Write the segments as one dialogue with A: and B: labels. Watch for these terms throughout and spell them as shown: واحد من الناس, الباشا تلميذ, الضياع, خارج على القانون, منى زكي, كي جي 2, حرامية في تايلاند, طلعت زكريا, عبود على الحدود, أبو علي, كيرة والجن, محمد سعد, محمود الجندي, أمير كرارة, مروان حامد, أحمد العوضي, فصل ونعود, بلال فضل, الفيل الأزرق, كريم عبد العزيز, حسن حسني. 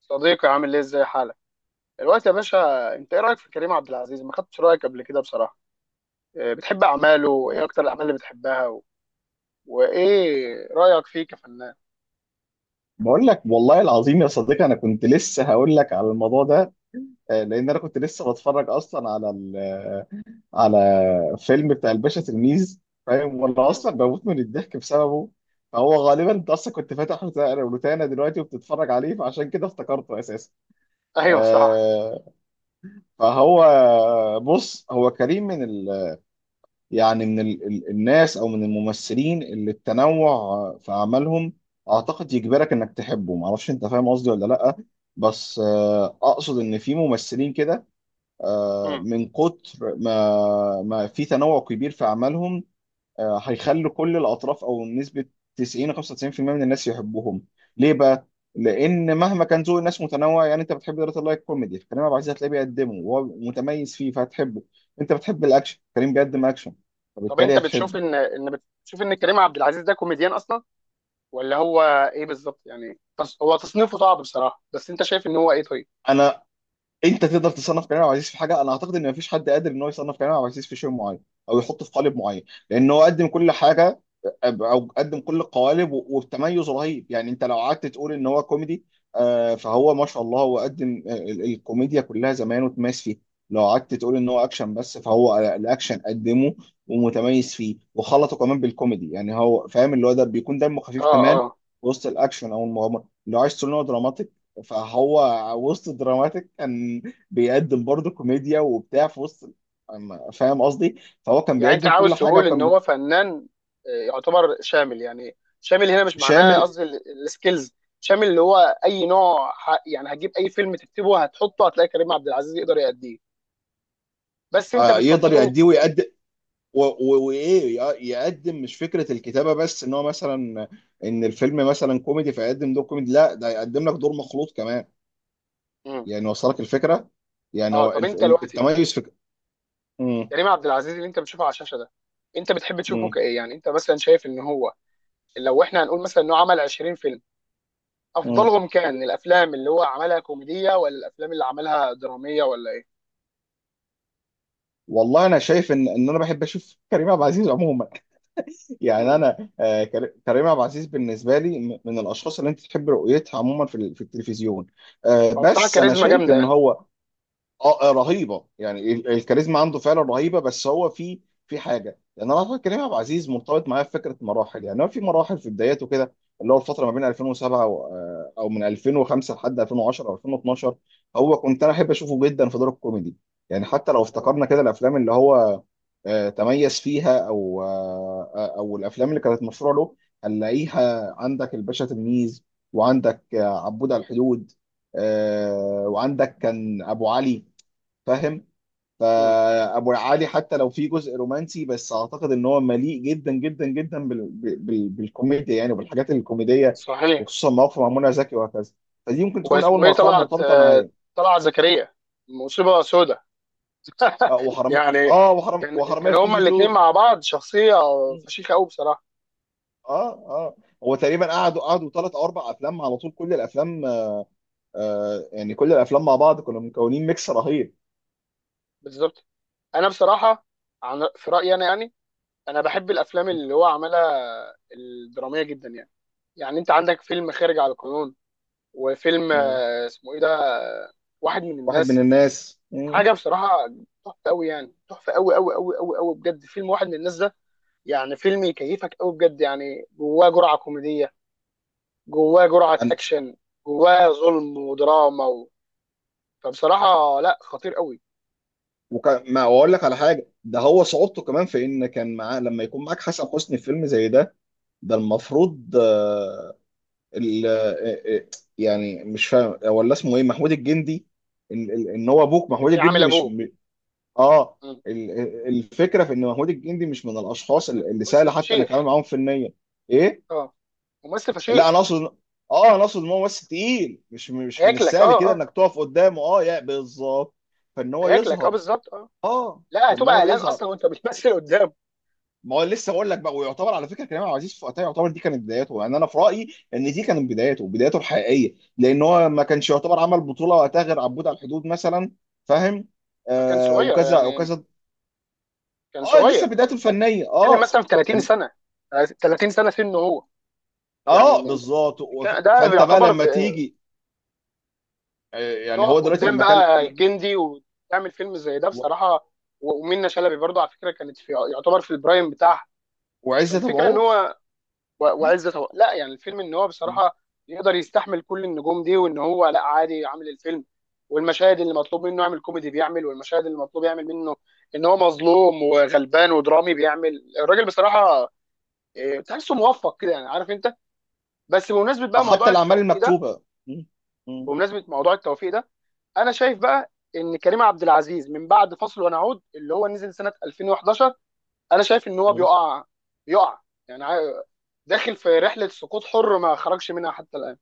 A: صديقي، عامل ايه؟ ازاي حالك دلوقتي يا باشا؟ انت ايه رايك في كريم عبد العزيز؟ ما خدتش رايك قبل كده بصراحه. إيه، بتحب اعماله؟
B: و-
A: ايه اكتر الاعمال اللي بتحبها وايه رايك فيه كفنان؟
B: بقول لك والله العظيم يا صديقي، انا كنت لسه هقول لك على الموضوع ده. لان انا كنت لسه بتفرج اصلا على على فيلم بتاع الباشا تلميذ، فاهم؟ وانا
A: مم.
B: اصلا بموت من الضحك بسببه. فهو غالبا انت اصلا كنت فاتح روتانا دلوقتي وبتتفرج عليه، فعشان كده افتكرته اساسا.
A: ايوه صح.
B: آه، فهو بص، هو كريم يعني من ال الناس او من الممثلين اللي التنوع في اعمالهم اعتقد يجبرك انك تحبه. ما اعرفش انت فاهم قصدي ولا لا. بس اقصد ان في ممثلين كده،
A: مم.
B: من كتر ما في تنوع كبير في اعمالهم، هيخلوا كل الاطراف او نسبه 90 95% من الناس يحبوهم. ليه بقى؟ لان مهما كان ذوق الناس متنوع، يعني انت بتحب دارة اللايت كوميدي، فكريم عبد العزيز هتلاقيه بيقدمه وهو متميز فيه فهتحبه. انت بتحب الاكشن، كريم بيقدم اكشن
A: طب انت
B: فبالتالي
A: بتشوف
B: هتحبه.
A: ان كريم عبد العزيز ده كوميديان اصلا ولا هو ايه بالظبط؟ يعني هو تصنيفه صعب بصراحه، بس انت شايف ان هو ايه؟ طيب.
B: انا انت تقدر تصنف كريم عبد العزيز في حاجه؟ انا اعتقد ان مفيش حد قادر ان هو يصنف كريم عبد العزيز في شيء معين او يحطه في قالب معين، لان هو قدم كل حاجه او قدم كل القوالب و- وبتميز رهيب. يعني انت لو قعدت تقول ان هو كوميدي، فهو ما شاء الله هو قدم الكوميديا كلها زمان وتميز فيه. لو قعدت تقول ان هو اكشن بس، فهو الاكشن قدمه ومتميز فيه وخلطه كمان بالكوميدي، يعني هو فاهم اللي هو ده بيكون دمه خفيف كمان
A: اه.
B: وسط الاكشن او المغامره. لو عايز تقول ان هو دراماتيك، فهو وسط دراماتيك كان بيقدم برضه كوميديا وبتاع في وسط. فاهم قصدي؟ فهو كان
A: يعني انت
B: بيقدم كل
A: عاوز
B: حاجه
A: تقول ان
B: وكان
A: هو فنان يعتبر شامل. يعني شامل هنا مش معناه
B: شامل.
A: قصدي السكيلز، شامل اللي هو اي نوع يعني هتجيب اي فيلم تكتبه هتحطه هتلاقي كريم عبد العزيز يقدر يأديه. بس انت
B: يقدر
A: بتفضله.
B: يأديه ويقدم، يقدم. مش فكره الكتابه بس ان هو مثلا ان الفيلم مثلا كوميدي فيقدم دور كوميدي، لا ده يقدم لك دور مخلوط كمان.
A: مم.
B: يعني وصلك الفكره؟
A: اه طب انت دلوقتي،
B: التميز في مم.
A: كريم عبد العزيز اللي انت بتشوفه على الشاشه ده، انت بتحب تشوفه
B: مم.
A: كايه؟ يعني انت مثلا شايف ان هو، لو احنا هنقول مثلا انه عمل 20 فيلم،
B: مم.
A: افضلهم كان الافلام اللي هو عملها كوميديه ولا الافلام اللي عملها دراميه ولا ايه؟
B: والله انا شايف ان انا بحب اشوف كريم عبد العزيز عموما. يعني
A: مم.
B: انا كريم عبد العزيز بالنسبه لي من الاشخاص اللي انت تحب رؤيتها عموما في التلفزيون.
A: فبصراحه
B: بس انا
A: كاريزما
B: شايف
A: جامده
B: ان
A: يعني.
B: هو اه، رهيبه. يعني الكاريزما عنده فعلا رهيبه، بس هو في حاجه. لان انا اعتقد كريم عبد العزيز مرتبط معايا في فكره مراحل. يعني هو في مراحل، في بداياته كده، اللي هو الفتره ما بين 2007 او من 2005 لحد 2010 او 2012، هو كنت انا احب اشوفه جدا في دور الكوميدي. يعني حتى لو
A: مم.
B: افتكرنا كده الافلام اللي هو تميز فيها، او آه، آه، او الافلام اللي كانت مشهوره له، هنلاقيها عندك الباشا تلميذ، وعندك عبود على الحدود، وعندك كان ابو علي، فاهم؟
A: مم.
B: فابو علي حتى لو في جزء رومانسي، بس اعتقد ان هو مليء جدا جدا جدا بالكوميديا، يعني وبالحاجات الكوميديه،
A: صحيح.
B: وخصوصا مواقف مع منى زكي وهكذا. فدي ممكن تكون اول
A: واسمه ايه؟
B: مرحله
A: طلعت
B: مرتبطه معايا.
A: طلعت زكريا. مصيبه سودة. يعني
B: وحرام
A: كان
B: وحراميه
A: كان
B: في كي
A: هما
B: جي
A: الاثنين
B: 2.
A: مع بعض شخصيه فشيخه قوي بصراحه.
B: اه اه هو تقريبا قعدوا ثلاث او اربع افلام على طول، كل الافلام يعني كل الافلام مع بعض كنا مكونين ميكس رهيب.
A: بالظبط. انا بصراحه، عن في رايي انا يعني، انا بحب الافلام اللي هو عملها الدراميه جدا يعني. يعني انت عندك فيلم خارج على القانون، وفيلم
B: مم.
A: اسمه ايه ده؟ آه، واحد من
B: واحد من
A: الناس.
B: الناس، مم.
A: حاجه بصراحه تحفه قوي، يعني تحفه قوي قوي قوي قوي قوي بجد. فيلم واحد من الناس ده يعني فيلم يكيفك قوي بجد، يعني جواه جرعه كوميديه، جواه جرعة أكشن، جواه ظلم ودراما و... فبصراحة لا، خطير قوي.
B: وكان ما اقول لك على حاجه، ده هو صعوبته كمان في ان كان معاه، لما يكون معاك حسن حسني في فيلم زي ده، المفروض ال- آه، آه، يعني، مش فاهم ولا اسمه ايه، محمود الجندي. ان إن- إن هو ابوك
A: اللي
B: محمود
A: جاي عامل
B: الجندي، مش
A: أبوه.
B: اه
A: مم.
B: الفكره في ان محمود الجندي مش من الاشخاص
A: ممثل
B: اللي سهل
A: ممثل
B: حتى انك
A: فشيخ.
B: تعمل معاهم فنيا. ايه.
A: اه. ممثل
B: لا،
A: فشيخ.
B: انا اقصد ان هو ممثل تقيل، مش من
A: هياكلك،
B: السهل
A: اه
B: كده
A: اه.
B: انك تقف قدامه. اه، يا بالظبط. فان هو
A: هياكلك اه
B: يظهر
A: بالظبط اه.
B: اه
A: لا،
B: فان
A: هتبقى
B: هو
A: قلقان
B: يظهر.
A: أصلا وأنت بتمثل قدامه.
B: ما هو لسه بقول لك بقى، ويعتبر على فكره كريم عبد العزيز في وقتها، يعتبر دي كانت بداياته. يعني انا في رايي ان دي كانت بداياته، بدايته الحقيقيه، لان هو ما كانش يعتبر عمل بطوله وقتها غير عبود على الحدود مثلا، فاهم؟
A: فكان صغير
B: وكذا
A: يعني.
B: وكذا.
A: كان
B: اه،
A: صغير
B: لسه بدايته
A: كان.
B: الفنيه.
A: بتتكلم
B: اه
A: مثلا في 30
B: فن...
A: سنة. 30 سنة سنه هو.
B: اه
A: يعني انت
B: بالظبط.
A: بتتكلم- ده
B: فانت بقى
A: بيعتبر
B: لما
A: ب-
B: تيجي. يعني
A: تقف
B: هو دلوقتي
A: قدام
B: لما كان
A: بقى جندي وتعمل فيلم زي ده
B: و...
A: بصراحة. ومنة شلبي برضه على فكرة كانت في يعتبر في البرايم بتاعها.
B: وعزت ابو
A: فالفكره ان
B: عوف.
A: هو، لا، يعني الفيلم ان هو بصراحه يقدر يستحمل كل النجوم دي، وان هو لا عادي عامل الفيلم. والمشاهد اللي مطلوب منه يعمل كوميدي بيعمل، والمشاهد اللي مطلوب يعمل منه ان هو مظلوم وغلبان ودرامي بيعمل الراجل بصراحه. إيه، تحسه موفق كده يعني، عارف انت. بس بمناسبه بقى
B: حتى
A: موضوع
B: الاعمال
A: التوفيق ده،
B: المكتوبه م- م-
A: بمناسبه موضوع التوفيق ده، انا شايف بقى ان كريم عبد العزيز من بعد فصل ونعود اللي هو نزل سنه 2011، انا شايف ان هو
B: م.
A: بيقع. بيقع، يعني داخل في رحله سقوط حر ما خرجش منها حتى الان.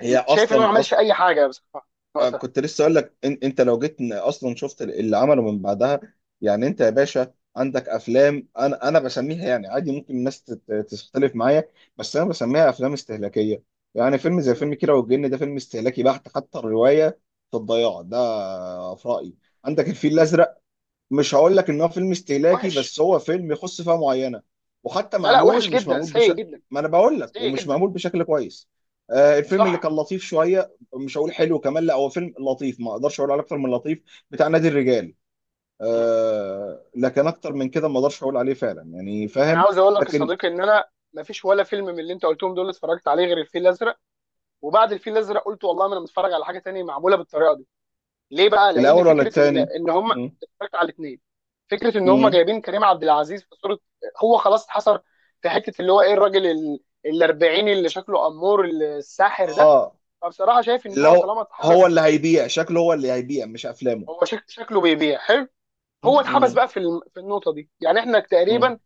B: هي
A: شايف ان هو ما عملش
B: أصلا،
A: اي حاجه بصراحه وقتها.
B: كنت لسه اقول لك إن انت لو جيت اصلا شفت اللي عمله من بعدها. يعني انت يا باشا عندك افلام انا بسميها يعني عادي، ممكن الناس تختلف معايا، بس انا بسميها افلام استهلاكيه. يعني فيلم زي
A: مم.
B: فيلم كيرة والجن ده فيلم استهلاكي بحت، حتى الروايه في الضياع ده في رايي. عندك الفيل
A: مم.
B: الازرق، مش هقول لك ان هو فيلم استهلاكي
A: وحش.
B: بس هو فيلم يخص فئه معينه، وحتى
A: لا لا، وحش
B: مش
A: جدا،
B: معمول
A: سيء
B: بشكل،
A: جدا.
B: ما انا بقول لك
A: سيء
B: ومش
A: جدا.
B: معمول بشكل كويس. الفيلم اللي
A: صح.
B: كان لطيف شويه، مش هقول حلو كمان، لا هو فيلم لطيف، ما اقدرش اقول عليه اكتر من لطيف، بتاع نادي الرجال.
A: مم.
B: لكن اكتر من كده ما اقدرش اقول عليه فعلا، يعني
A: انا
B: فاهم.
A: عاوز اقول لك يا
B: لكن
A: صديقي ان انا ما فيش ولا فيلم من اللي انت قلتهم دول اتفرجت عليه غير الفيل الازرق. وبعد الفيل الازرق قلت والله ما انا متفرج على حاجه تانية معموله بالطريقه دي. ليه بقى؟ لان
B: الاول ولا
A: فكره ان
B: الثاني؟
A: ان هم، اتفرجت على الاثنين، فكره ان هم جايبين كريم عبد العزيز في صوره هو خلاص اتحصر في حته اللي هو ايه، الراجل الاربعيني اللي شكله امور الساحر ده.
B: اه،
A: فبصراحه شايف ان
B: اللي
A: هو
B: هو
A: طالما
B: هو
A: اتحبس،
B: اللي هيبيع، شكله هو اللي هيبيع مش افلامه.
A: هو شكله بيبيع حلو.
B: م-
A: هو اتحبس
B: م-
A: بقى في في النقطه دي. يعني احنا
B: م.
A: تقريبا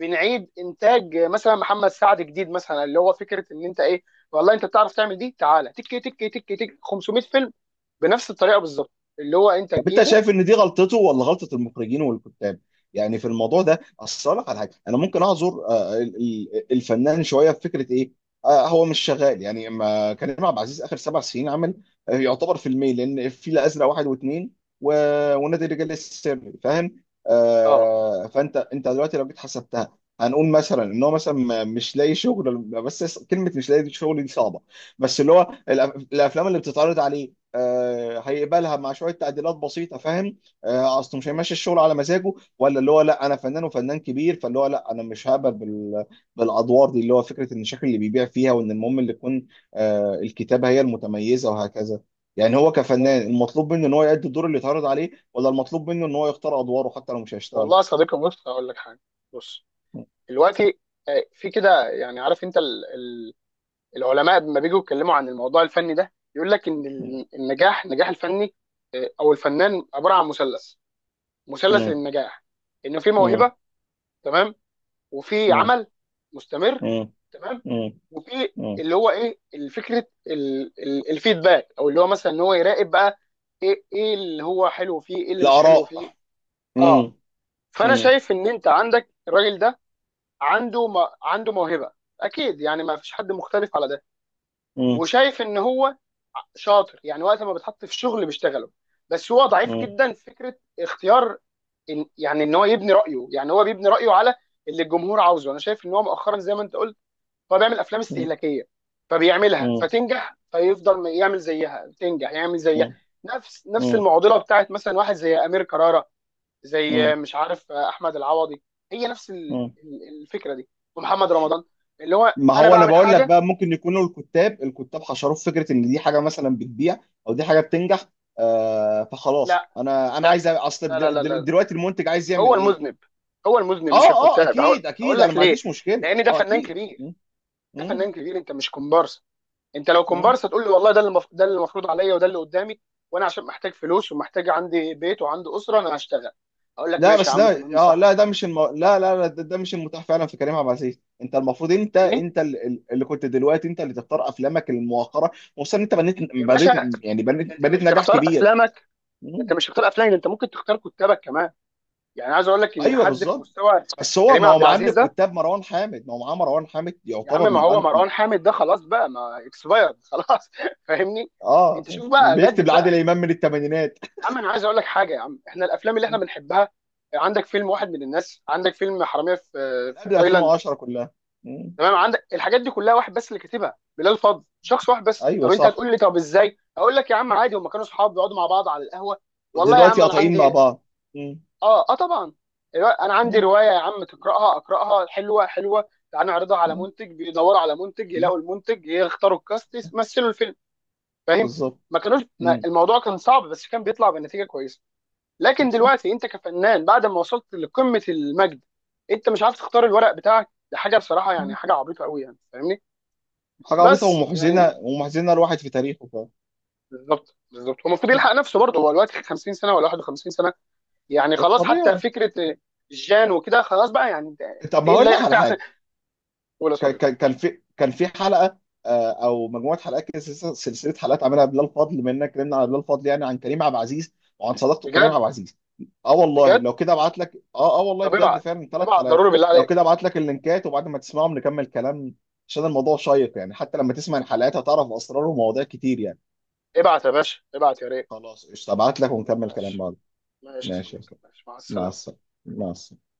A: بنعيد انتاج مثلا محمد سعد جديد، مثلا اللي هو فكره ان انت ايه، والله انت بتعرف تعمل دي، تعالى تك تك تك تك 500 فيلم بنفس الطريقه بالظبط اللي هو انت
B: طب انت
A: تجيبه.
B: شايف ان دي غلطته ولا غلطه المخرجين والكتاب؟ يعني في الموضوع ده، اصل أقول لك على حاجه، انا ممكن اعذر الفنان شويه في فكره ايه، هو مش شغال. يعني ما كريم عبد العزيز اخر 7 سنين عمل يعتبر فيلمين، لان الفيل الازرق واحد واثنين و- ونادي الرجال السري، فاهم؟
A: اه.
B: فانت انت دلوقتي لو جيت حسبتها، هنقول مثلا ان هو مثلا مش لاقي شغل، بس كلمه مش لاقي شغل دي صعبه، بس اللي هو الافلام اللي بتتعرض عليه هيقبلها مع شويه تعديلات بسيطه، فاهم؟ اصله مش
A: مم.
B: هيمشي الشغل على مزاجه، ولا اللي هو لا، انا فنان وفنان كبير، فاللي هو لا انا مش هقبل بالادوار دي، اللي هو فكره ان الشكل اللي بيبيع فيها، وان المهم اللي تكون الكتابه هي المتميزه وهكذا. يعني هو كفنان المطلوب منه ان هو يأدي الدور اللي اتعرض عليه ولا المطلوب منه ان هو يختار ادواره حتى لو مش هيشتغل؟
A: والله يا صديقي بص هقول لك حاجه. بص
B: م-
A: دلوقتي، في كده يعني، عارف انت، العلماء لما بيجوا يتكلموا عن الموضوع الفني ده يقول لك ان النجاح، الفني او الفنان عباره عن مثلث. مثلث
B: م-
A: النجاح، انه في
B: م-
A: موهبه، تمام، وفي
B: م-
A: عمل مستمر،
B: م-
A: تمام،
B: م-
A: وفي
B: م-
A: اللي هو ايه، الفكره الفيدباك، او اللي هو مثلا ان هو يراقب بقى ايه اللي هو حلو فيه، ايه اللي مش حلو فيه.
B: الاراء. م-
A: اه.
B: م-
A: فانا
B: م-
A: شايف ان انت عندك الراجل ده عنده عنده موهبه اكيد، يعني ما فيش حد مختلف على ده. وشايف ان هو شاطر يعني، وقت ما بيتحط في شغل بيشتغله، بس هو ضعيف
B: م-
A: جدا في فكره اختيار، إن يعني ان هو يبني رايه. يعني هو بيبني رايه على اللي الجمهور عاوزه. انا شايف ان هو مؤخرا زي ما انت قلت، هو بيعمل افلام
B: م-
A: استهلاكيه، فبيعملها فتنجح فيفضل يعمل زيها، تنجح يعمل زيها.
B: م-
A: نفس
B: م-
A: المعضله بتاعت مثلا واحد زي امير كرارة، زي
B: مم.
A: مش عارف احمد العوضي، هي نفس
B: مم.
A: الفكره دي، ومحمد رمضان. اللي هو
B: ما
A: انا
B: هو انا
A: بعمل
B: بقول لك
A: حاجه.
B: بقى، ممكن يكونوا الكتاب حشروا في فكره ان دي حاجه مثلا بتبيع او دي حاجه بتنجح. فخلاص
A: لا
B: انا
A: لا
B: عايز
A: لا لا لا، لا.
B: دلوقتي المنتج عايز
A: هو
B: يعمل ايه؟
A: المذنب، هو المذنب مش
B: اه اه،
A: الكتاب.
B: اكيد
A: هقول
B: اكيد، انا
A: لك
B: ما
A: ليه،
B: عنديش مشكله،
A: لان ده
B: اه
A: فنان
B: اكيد،
A: كبير. ده
B: مم.
A: فنان كبير، انت مش كومبارس. انت لو
B: مم.
A: كومبارس تقول لي والله ده اللي ده اللي المفروض عليا وده اللي قدامي، وانا عشان محتاج فلوس ومحتاج عندي بيت وعندي اسره انا هشتغل، اقول لك
B: لا،
A: ماشي يا
B: بس
A: عم
B: ده
A: تمام
B: اه،
A: صح.
B: لا ده مش لا لا لا، ده مش المتاح فعلا في كريم عبد العزيز. انت المفروض انت
A: فاهمني
B: انت ال- ال- اللي كنت دلوقتي انت اللي تختار افلامك الموقره، خصوصا انت بنيت
A: يا
B: بنيت
A: باشا؟
B: يعني بنيت
A: انت
B: بنيت
A: مش
B: نجاح
A: بتختار
B: كبير.
A: افلامك. انت مش بتختار افلامك، انت ممكن تختار كتابك كمان. يعني عايز اقول لك ان
B: ايوه
A: حد في
B: بالظبط.
A: مستوى
B: بس هو،
A: كريم
B: ما هو
A: عبد
B: معاه من
A: العزيز ده!
B: الكتاب مروان حامد ما هو معاه مروان حامد
A: يا عم
B: يعتبر
A: ما
B: من،
A: هو مروان حامد ده خلاص بقى، ما اكسبايرد خلاص فاهمني.
B: اه،
A: انت شوف بقى
B: بيكتب
A: جدد
B: لعادل
A: بقى.
B: امام من الثمانينات،
A: يا عم انا عايز اقول لك حاجه يا عم، احنا الافلام اللي احنا بنحبها، عندك فيلم واحد من الناس، عندك فيلم حراميه في
B: من
A: في
B: قبل
A: تايلاند،
B: 2010 كلها. مم.
A: تمام؟ عندك الحاجات دي كلها، واحد بس اللي كاتبها، بلال فضل، شخص واحد بس.
B: ايوه
A: طب انت
B: صح.
A: هتقول لي طب ازاي؟ اقول لك يا عم عادي، هم كانوا اصحاب بيقعدوا مع بعض على القهوه. والله يا
B: دلوقتي
A: عم انا
B: قاطعين مع
A: عندي،
B: بعض. مم.
A: اه اه طبعا، انا عندي
B: مم.
A: روايه يا عم تقراها، اقراها حلوه، حلوه تعال نعرضها على
B: مم.
A: منتج، بيدوروا على منتج،
B: مم.
A: يلاقوا المنتج، يختاروا الكاست، يمثلوا الفيلم، فاهم؟
B: بالظبط.
A: ما كانوش، ما
B: مم.
A: الموضوع كان صعب بس كان بيطلع بنتيجه كويسه. لكن
B: صح.
A: دلوقتي انت كفنان بعد ما وصلت لقمه المجد، انت مش عارف تختار الورق بتاعك! ده حاجه بصراحه يعني
B: مم.
A: حاجه عبيطه قوي يعني، فاهمني؟
B: حاجه عبيطه
A: بس يعني،
B: ومحزنه، الواحد في تاريخه فعلا.
A: بالظبط بالظبط هو المفروض يلحق نفسه برضه، هو دلوقتي 50 سنه ولا 51 سنه، يعني خلاص حتى
B: الطبيعي.
A: فكره جان وكده خلاص بقى، يعني انت
B: طب ما
A: تقل
B: هقول
A: لا
B: لك
A: يعني
B: على حاجه،
A: ولا صديق.
B: كان في حلقه، او مجموعه حلقات كده، سلسلة حلقات عملها بلال فضل، بما اننا اتكلمنا على بلال فضل، يعني عن كريم عبد العزيز وعن صداقته بكريم عبد
A: بجد؟
B: العزيز.
A: بجد.
B: والله
A: طب
B: بجد
A: ابعت،
B: فعلا ثلاث
A: ابعت
B: حلقات،
A: ضروري بالله
B: لو كده
A: عليك.
B: ابعت لك اللينكات وبعد ما تسمعهم نكمل كلام. عشان الموضوع شيق يعني، حتى لما تسمع الحلقات هتعرف اسرار ومواضيع كتير يعني.
A: ابعت يا باشا، ابعت يا ريت.
B: خلاص قشطه، ابعت لك ونكمل كلام
A: ماشي.
B: بعد.
A: ماشي يا
B: ماشي يا
A: صديقي،
B: استاذ،
A: ماشي مع
B: مع
A: السلامه.
B: السلامه، مع السلامه.